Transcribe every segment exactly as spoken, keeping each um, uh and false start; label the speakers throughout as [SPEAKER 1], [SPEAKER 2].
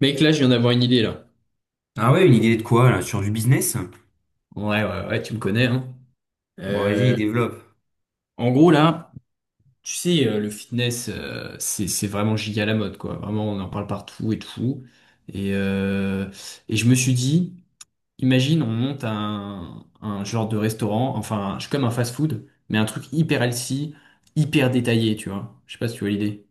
[SPEAKER 1] Mec, là, je viens d'avoir une idée, là.
[SPEAKER 2] Ah ouais, une idée de quoi là? Sur du business?
[SPEAKER 1] Ouais, ouais, ouais, tu me connais, hein.
[SPEAKER 2] Bon, vas-y,
[SPEAKER 1] Euh,
[SPEAKER 2] développe.
[SPEAKER 1] En gros, là, tu sais, euh, le fitness, euh, c'est, c'est vraiment giga la mode, quoi. Vraiment, on en parle partout et tout. Et, euh, et je me suis dit, imagine, on monte un, un genre de restaurant, enfin, je suis comme un fast-food, mais un truc hyper healthy, hyper détaillé, tu vois. Je sais pas si tu vois l'idée.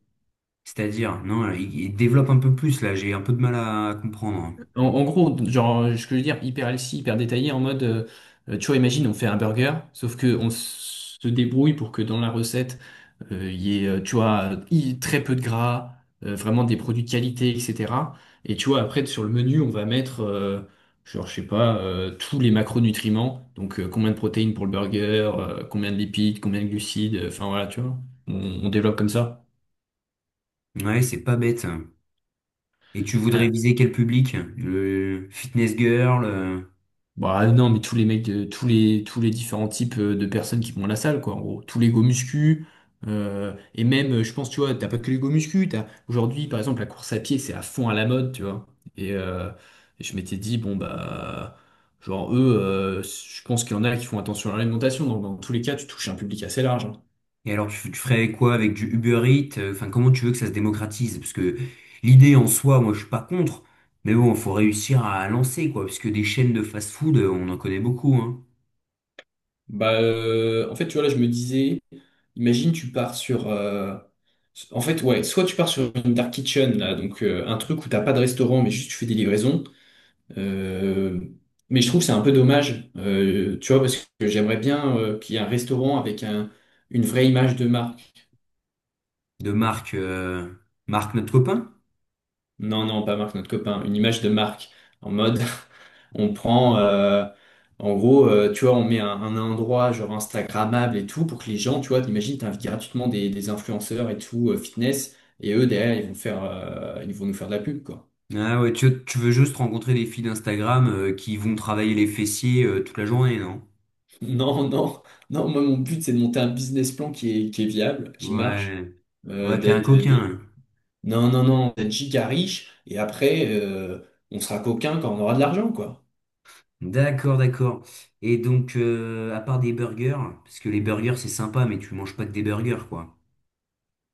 [SPEAKER 2] C'est-à-dire, non, il il développe un peu plus là, j'ai un peu de mal à comprendre.
[SPEAKER 1] En, en gros, genre, ce que je veux dire, hyper healthy, hyper détaillé, en mode, euh, tu vois, imagine, on fait un burger, sauf que on se débrouille pour que dans la recette, euh, il y ait, euh, tu vois, i- très peu de gras, euh, vraiment des produits de qualité, et cetera. Et tu vois, après, sur le menu, on va mettre, euh, genre, je sais pas, euh, tous les macronutriments. Donc, euh, combien de protéines pour le burger, euh, combien de lipides, combien de glucides, euh, enfin voilà, tu vois. On, on développe comme ça.
[SPEAKER 2] Ouais, c'est pas bête. Et tu voudrais viser quel public? Le fitness girl? euh,
[SPEAKER 1] Bah non, mais tous les mecs, de- tous les, tous les différents types euh, de personnes qui vont à la salle, quoi, en gros. Tous les go muscu, euh, et même, euh, je pense, tu vois, t'as pas que les go muscu, t'as, aujourd'hui, par exemple, la course à pied, c'est à fond à la mode, tu vois. Et, euh, et je m'étais dit, bon, bah, genre, eux, euh, je pense qu'il y en a qui font attention à l'alimentation, donc dans tous les cas, tu touches un public assez large, hein.
[SPEAKER 2] Et alors, tu, tu ferais quoi avec du Uber Eats? euh, Enfin, comment tu veux que ça se démocratise? Parce que l'idée en soi, moi, je suis pas contre. Mais bon, faut réussir à lancer quoi, parce que des chaînes de fast-food, euh, on en connaît beaucoup, hein.
[SPEAKER 1] Bah, euh, en fait, tu vois, là, je me disais, imagine, tu pars sur. Euh, en fait, ouais, soit tu pars sur une dark kitchen, là, donc euh, un truc où t'as pas de restaurant, mais juste tu fais des livraisons. Euh, mais je trouve que c'est un peu dommage, euh, tu vois, parce que j'aimerais bien euh, qu'il y ait un restaurant avec un, une vraie image de marque.
[SPEAKER 2] De marques, euh, Marc, notre copain?
[SPEAKER 1] Non, non, pas Marc, notre copain. Une image de Marc. En mode, on prend, euh, en gros, euh, tu vois, on met un, un endroit genre Instagrammable et tout pour que les gens, tu vois, t'imagines, t'invites gratuitement des, des influenceurs et tout, euh, fitness, et eux, derrière, ils vont faire, euh, ils vont nous faire de la pub, quoi.
[SPEAKER 2] Ah ouais, tu, tu veux juste rencontrer des filles d'Instagram euh, qui vont travailler les fessiers euh, toute la journée, non?
[SPEAKER 1] Non, non, non, moi, mon but, c'est de monter un business plan qui est, qui est viable, qui marche,
[SPEAKER 2] Ouais.
[SPEAKER 1] euh,
[SPEAKER 2] Ouais, t'es un
[SPEAKER 1] d'être, euh,
[SPEAKER 2] coquin,
[SPEAKER 1] d'être-
[SPEAKER 2] hein.
[SPEAKER 1] non, non, non, d'être giga riche, et après, euh, on sera coquin quand on aura de l'argent, quoi.
[SPEAKER 2] D'accord, d'accord. Et donc, euh, à part des burgers, parce que les burgers c'est sympa, mais tu manges pas que des burgers, quoi.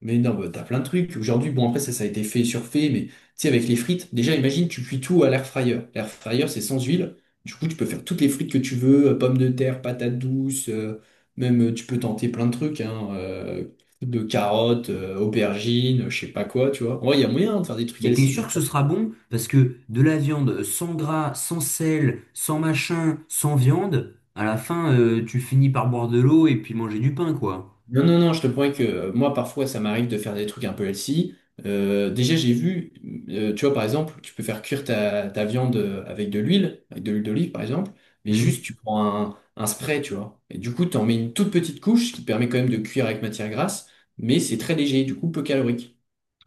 [SPEAKER 1] Mais non, bah, t'as plein de trucs. Aujourd'hui, bon, après, ça, ça a été fait et surfait, mais tu sais, avec les frites, déjà, imagine, tu cuis tout à l'air fryer. L'air fryer, c'est sans huile. Du coup, tu peux faire toutes les frites que tu veux, euh, pommes de terre, patates douces, euh, même euh, tu peux tenter plein de trucs, hein, euh, de carottes, euh, aubergines, euh, je sais pas quoi, tu vois. En vrai, il y a moyen de faire des trucs
[SPEAKER 2] Mais t'es
[SPEAKER 1] healthy.
[SPEAKER 2] sûr que ce sera bon? Parce que de la viande sans gras, sans sel, sans machin, sans viande, à la fin, euh, tu finis par boire de l'eau et puis manger du pain, quoi.
[SPEAKER 1] Non, non, non, je te promets que euh, moi, parfois, ça m'arrive de faire des trucs un peu healthy. Euh, déjà, j'ai vu, euh, tu vois, par exemple, tu peux faire cuire ta, ta viande euh, avec de l'huile, avec de l'huile d'olive, par exemple, mais juste,
[SPEAKER 2] Hmm.
[SPEAKER 1] tu prends un, un spray, tu vois. Et du coup, tu en mets une toute petite couche qui te permet quand même de cuire avec matière grasse, mais c'est très léger, du coup, peu calorique.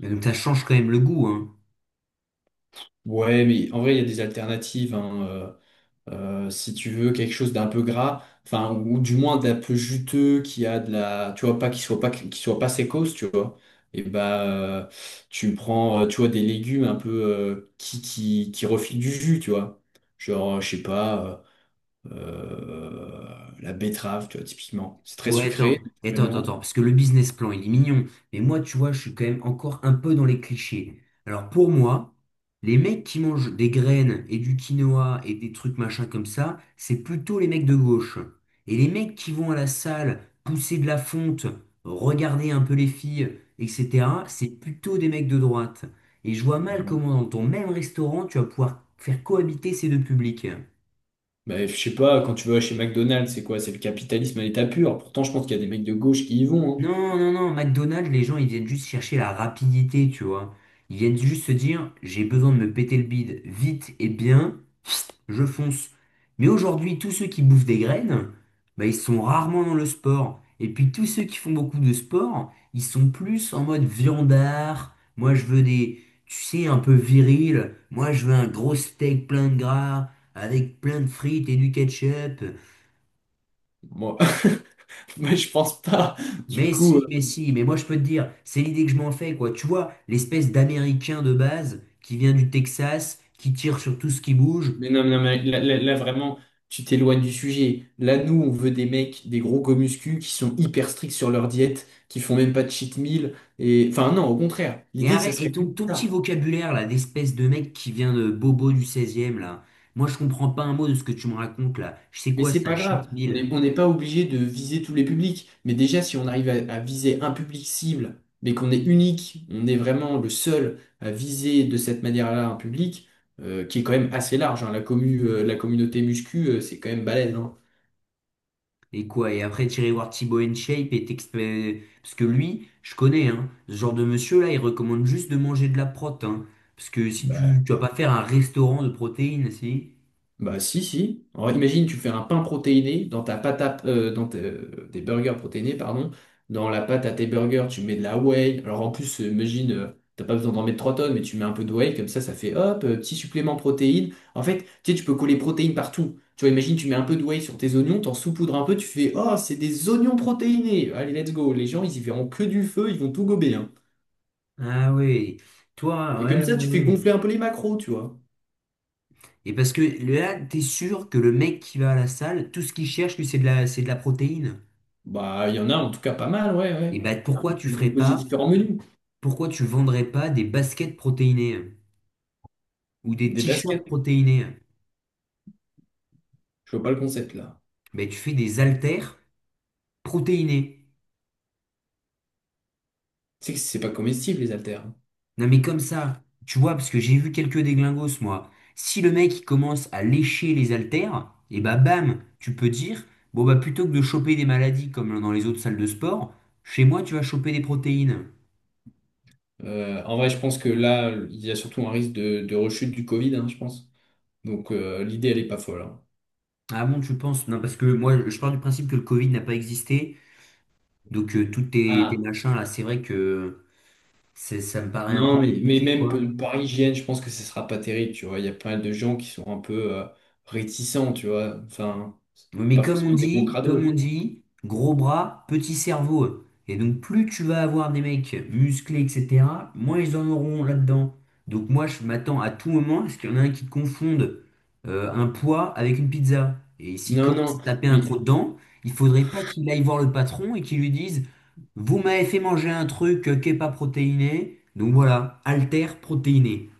[SPEAKER 2] Et donc ça change quand même le goût, hein.
[SPEAKER 1] Ouais, mais en vrai, il y a des alternatives, hein, euh, si tu veux quelque chose d'un peu gras, enfin ou du moins d'un peu juteux, qui a de la, tu vois pas qu'il soit pas qu'il soit pas sécos, tu vois. Et bah euh, tu prends, euh, tu vois, des légumes un peu euh, qui qui qui refilent du jus, tu vois. Genre, je sais pas, euh, euh, la betterave, tu vois, typiquement. C'est très
[SPEAKER 2] Ouais, attends,
[SPEAKER 1] sucré,
[SPEAKER 2] attends, attends, attends,
[SPEAKER 1] naturellement.
[SPEAKER 2] parce que le business plan, il est mignon. Mais moi, tu vois, je suis quand même encore un peu dans les clichés. Alors pour moi, les mecs qui mangent des graines et du quinoa et des trucs machin comme ça, c'est plutôt les mecs de gauche. Et les mecs qui vont à la salle pousser de la fonte, regarder un peu les filles, et cetera, c'est plutôt des mecs de droite. Et je vois mal
[SPEAKER 1] Bon.
[SPEAKER 2] comment dans ton même restaurant, tu vas pouvoir faire cohabiter ces deux publics.
[SPEAKER 1] Bah, je sais pas, quand tu vas chez McDonald's, c'est quoi? C'est le capitalisme à l'état pur. Pourtant, je pense qu'il y a des mecs de gauche qui y vont,
[SPEAKER 2] Non, non, non, McDonald's, les gens, ils viennent juste chercher la rapidité, tu vois. Ils viennent juste se dire, j'ai besoin de me péter le bide vite et bien, je fonce. Mais aujourd'hui, tous ceux qui bouffent des graines, bah, ils sont rarement dans le sport. Et puis tous ceux qui font beaucoup de sport, ils sont plus en mode viandard. Moi, je veux des, tu sais, un peu viril. Moi, je veux un gros steak plein de gras, avec plein de frites et du ketchup.
[SPEAKER 1] hein. Moi, moi, je pense pas. Du
[SPEAKER 2] Mais si,
[SPEAKER 1] coup.
[SPEAKER 2] mais si, mais moi je peux te dire, c'est l'idée que je m'en fais, quoi. Tu vois, l'espèce d'Américain de base qui vient du Texas, qui tire sur tout ce qui bouge.
[SPEAKER 1] Mais non, mais non, mais là, là- là, vraiment, tu t'éloignes du sujet. Là, nous, on veut des mecs, des gros gomuscu qui sont hyper stricts sur leur diète, qui font même pas de cheat meal. Et... Enfin, non, au contraire.
[SPEAKER 2] Et
[SPEAKER 1] L'idée, ça
[SPEAKER 2] arrête,
[SPEAKER 1] serait
[SPEAKER 2] et ton,
[SPEAKER 1] limite
[SPEAKER 2] ton petit
[SPEAKER 1] ça.
[SPEAKER 2] vocabulaire là, d'espèce de mec qui vient de Bobo du seizième là. Moi je comprends pas un mot de ce que tu me racontes là. Je sais
[SPEAKER 1] Mais
[SPEAKER 2] quoi
[SPEAKER 1] c'est
[SPEAKER 2] ça,
[SPEAKER 1] pas grave.
[SPEAKER 2] cheat
[SPEAKER 1] On n'est
[SPEAKER 2] meal.
[SPEAKER 1] on n'est pas obligé de viser tous les publics. Mais déjà, si on arrive à, à viser un public cible, mais qu'on est unique, on est vraiment le seul à viser de cette manière-là un public, euh, qui est quand même assez large, hein. La commu, euh, la communauté muscu, euh, c'est quand même balèze, hein.
[SPEAKER 2] Et quoi? Et après tirer voir Thibaut InShape et t'expé... Parce que lui, je connais, hein. Ce genre de monsieur là, il recommande juste de manger de la prot, hein. Parce que si tu, tu vas pas faire un restaurant de protéines, si?
[SPEAKER 1] Bah si, si. Alors, imagine, tu fais un pain protéiné dans ta pâte à, euh, dans tes, euh, des burgers protéinés, pardon. Dans la pâte à tes burgers, tu mets de la whey. Alors en plus, euh, imagine, euh, t'as pas besoin d'en mettre trois tonnes, mais tu mets un peu de whey, comme ça, ça fait hop, euh, petit supplément protéine. En fait, tu sais, tu peux coller protéines partout. Tu vois, imagine, tu mets un peu de whey sur tes oignons, t'en saupoudres un peu, tu fais, oh, c'est des oignons protéinés. Allez, let's go. Les gens, ils y verront que du feu, ils vont tout gober, hein.
[SPEAKER 2] Ah oui, toi,
[SPEAKER 1] Et comme
[SPEAKER 2] ouais,
[SPEAKER 1] ça,
[SPEAKER 2] ouais,
[SPEAKER 1] tu fais
[SPEAKER 2] oui.
[SPEAKER 1] gonfler un peu les macros, tu vois.
[SPEAKER 2] Et parce que là, t'es sûr que le mec qui va à la salle, tout ce qu'il cherche, lui, c'est de la, c'est de la protéine.
[SPEAKER 1] Bah, il y en a en tout cas pas mal, ouais,
[SPEAKER 2] Et
[SPEAKER 1] ouais.
[SPEAKER 2] bah
[SPEAKER 1] Après,
[SPEAKER 2] pourquoi
[SPEAKER 1] tu
[SPEAKER 2] tu
[SPEAKER 1] peux
[SPEAKER 2] ferais
[SPEAKER 1] proposer
[SPEAKER 2] pas,
[SPEAKER 1] différents menus.
[SPEAKER 2] pourquoi tu vendrais pas des baskets protéinées, hein, ou des
[SPEAKER 1] Des baskets,
[SPEAKER 2] t-shirts protéinés, hein?
[SPEAKER 1] je vois pas le concept là.
[SPEAKER 2] Bah tu fais des haltères protéinés.
[SPEAKER 1] Tu sais que c'est pas comestible, les haltères, hein.
[SPEAKER 2] Non mais comme ça, tu vois, parce que j'ai vu quelques déglingos, moi. Si le mec il commence à lécher les haltères, et bah bam, tu peux dire, bon bah plutôt que de choper des maladies comme dans les autres salles de sport, chez moi tu vas choper des protéines.
[SPEAKER 1] Euh, en vrai, je pense que là, il y a surtout un risque de, de rechute du Covid, hein, je pense. Donc euh, l'idée, elle est pas folle, hein.
[SPEAKER 2] Ah bon, tu penses? Non, parce que moi je pars du principe que le Covid n'a pas existé, donc euh, tous tes, tes
[SPEAKER 1] Ah,
[SPEAKER 2] machins là, c'est vrai que c'est- ça me paraît un peu
[SPEAKER 1] non, mais, mais
[SPEAKER 2] compliqué,
[SPEAKER 1] même
[SPEAKER 2] quoi.
[SPEAKER 1] pe- par hygiène, je pense que ce sera pas terrible, tu vois. Il y a pas mal de gens qui sont un peu euh, réticents, tu vois. Enfin,
[SPEAKER 2] Mais
[SPEAKER 1] pas
[SPEAKER 2] comme on
[SPEAKER 1] forcément des gros
[SPEAKER 2] dit, comme on
[SPEAKER 1] crados.
[SPEAKER 2] dit, gros bras, petit cerveau. Et donc plus tu vas avoir des mecs musclés, et cetera, moins ils en auront là-dedans. Donc moi je m'attends à tout moment à ce qu'il y en a un qui confonde euh, un poids avec une pizza. Et s'il
[SPEAKER 1] Non,
[SPEAKER 2] commence à
[SPEAKER 1] non,
[SPEAKER 2] taper un
[SPEAKER 1] mais
[SPEAKER 2] croc dedans, il faudrait pas qu'il aille voir le patron et qu'il lui dise, vous m'avez fait manger un truc euh, qui n'est pas protéiné, donc voilà, alter protéiné.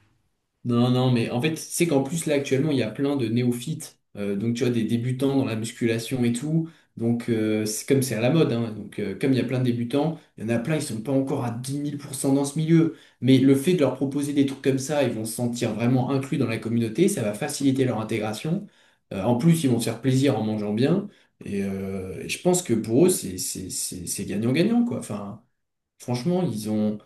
[SPEAKER 1] non, non, mais en fait, c'est qu'en plus, là, actuellement, il y a plein de néophytes, euh, donc tu vois, des débutants dans la musculation et tout. Donc, euh, c'est comme c'est à la mode, hein, donc euh, comme il y a plein de débutants, il y en a plein, ils sont pas encore à dix mille pour cent dans ce milieu. Mais le fait de leur proposer des trucs comme ça, ils vont se sentir vraiment inclus dans la communauté, ça va faciliter leur intégration. Euh, en plus, ils vont se faire plaisir en mangeant bien. Et, euh, et je pense que pour eux, c'est c'est- c'est- c'est gagnant-gagnant, quoi. Enfin, franchement, ils ont,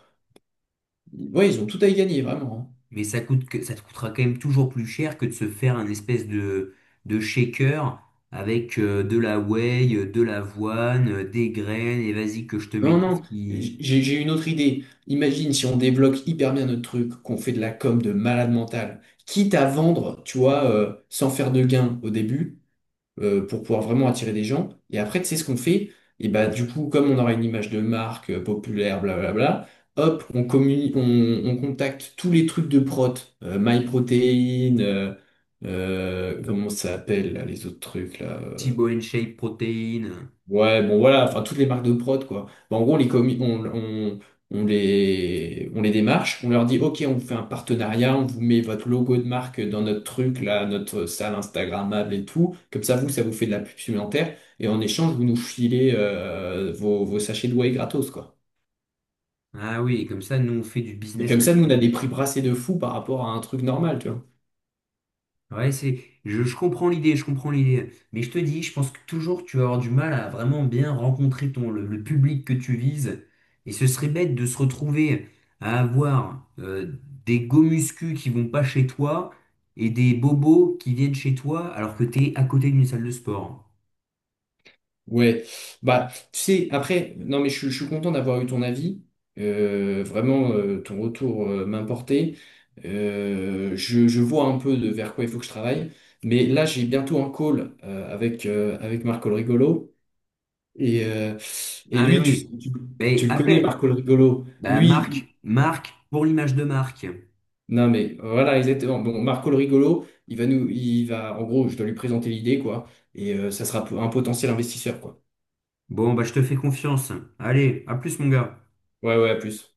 [SPEAKER 1] ouais, ils ont tout à y gagner, vraiment, hein.
[SPEAKER 2] Mais ça coûte que, ça te coûtera quand même toujours plus cher que de se faire un espèce de, de shaker avec euh, de la whey, euh, de l'avoine, euh, des graines, et vas-y que je te mets
[SPEAKER 1] Non,
[SPEAKER 2] tout ce
[SPEAKER 1] non,
[SPEAKER 2] qui...
[SPEAKER 1] j'ai j'ai une autre idée. Imagine si on développe hyper bien notre truc, qu'on fait de la com de malade mental, quitte à vendre, tu vois, euh, sans faire de gain au début, euh, pour pouvoir vraiment attirer des gens. Et après, tu sais ce qu'on fait? Et bah, du coup, comme on aura une image de marque euh, populaire, blablabla, hop, on communi- on, on contacte tous les trucs de prot, euh, MyProtein, euh, euh, comment ça s'appelle, là, les autres trucs, là. euh,
[SPEAKER 2] Thibaut shape, protéines.
[SPEAKER 1] Ouais, bon voilà, enfin toutes les marques de prod quoi. Bon, en gros, on les commis, on, on, on les, on les démarche, on leur dit ok, on vous fait un partenariat, on vous met votre logo de marque dans notre truc là, notre salle Instagrammable et tout. Comme ça, vous, ça vous fait de la pub supplémentaire et en échange, vous nous filez euh, vos, vos sachets de whey gratos quoi.
[SPEAKER 2] Ah oui, et comme ça, nous, on fait du
[SPEAKER 1] Et
[SPEAKER 2] business
[SPEAKER 1] comme ça, nous, on a des
[SPEAKER 2] là-dessus.
[SPEAKER 1] prix brassés de fou par rapport à un truc normal, tu vois.
[SPEAKER 2] Ouais, c'est, je, je comprends l'idée, je comprends l'idée. Mais je te dis, je pense que toujours tu vas avoir du mal à vraiment bien rencontrer ton, le, le public que tu vises. Et ce serait bête de se retrouver à avoir euh, des gomuscus qui vont pas chez toi et des bobos qui viennent chez toi alors que tu es à côté d'une salle de sport.
[SPEAKER 1] Ouais, bah tu sais, après, non mais je, suis je suis content d'avoir eu ton avis. Euh, vraiment, euh, ton retour euh, m'importait. Euh, je, je vois un peu de vers quoi il faut que je travaille. Mais là, j'ai bientôt un call euh, avec, euh, avec Marco le Rigolo. Et, euh, et
[SPEAKER 2] Ah, mais
[SPEAKER 1] lui, tu,
[SPEAKER 2] oui.
[SPEAKER 1] tu,
[SPEAKER 2] Mais
[SPEAKER 1] tu le connais,
[SPEAKER 2] appelle.
[SPEAKER 1] Marco le Rigolo.
[SPEAKER 2] Bah,
[SPEAKER 1] Lui,
[SPEAKER 2] Marc,
[SPEAKER 1] il-
[SPEAKER 2] Marc, pour l'image de Marc.
[SPEAKER 1] non mais voilà, exactement. Bon, Marco le Rigolo, il va nous, il va, en gros, je dois lui présenter l'idée, quoi. Et euh, ça sera un potentiel investisseur, quoi.
[SPEAKER 2] Bon, bah, je te fais confiance. Allez, à plus, mon gars.
[SPEAKER 1] Ouais, ouais, à plus.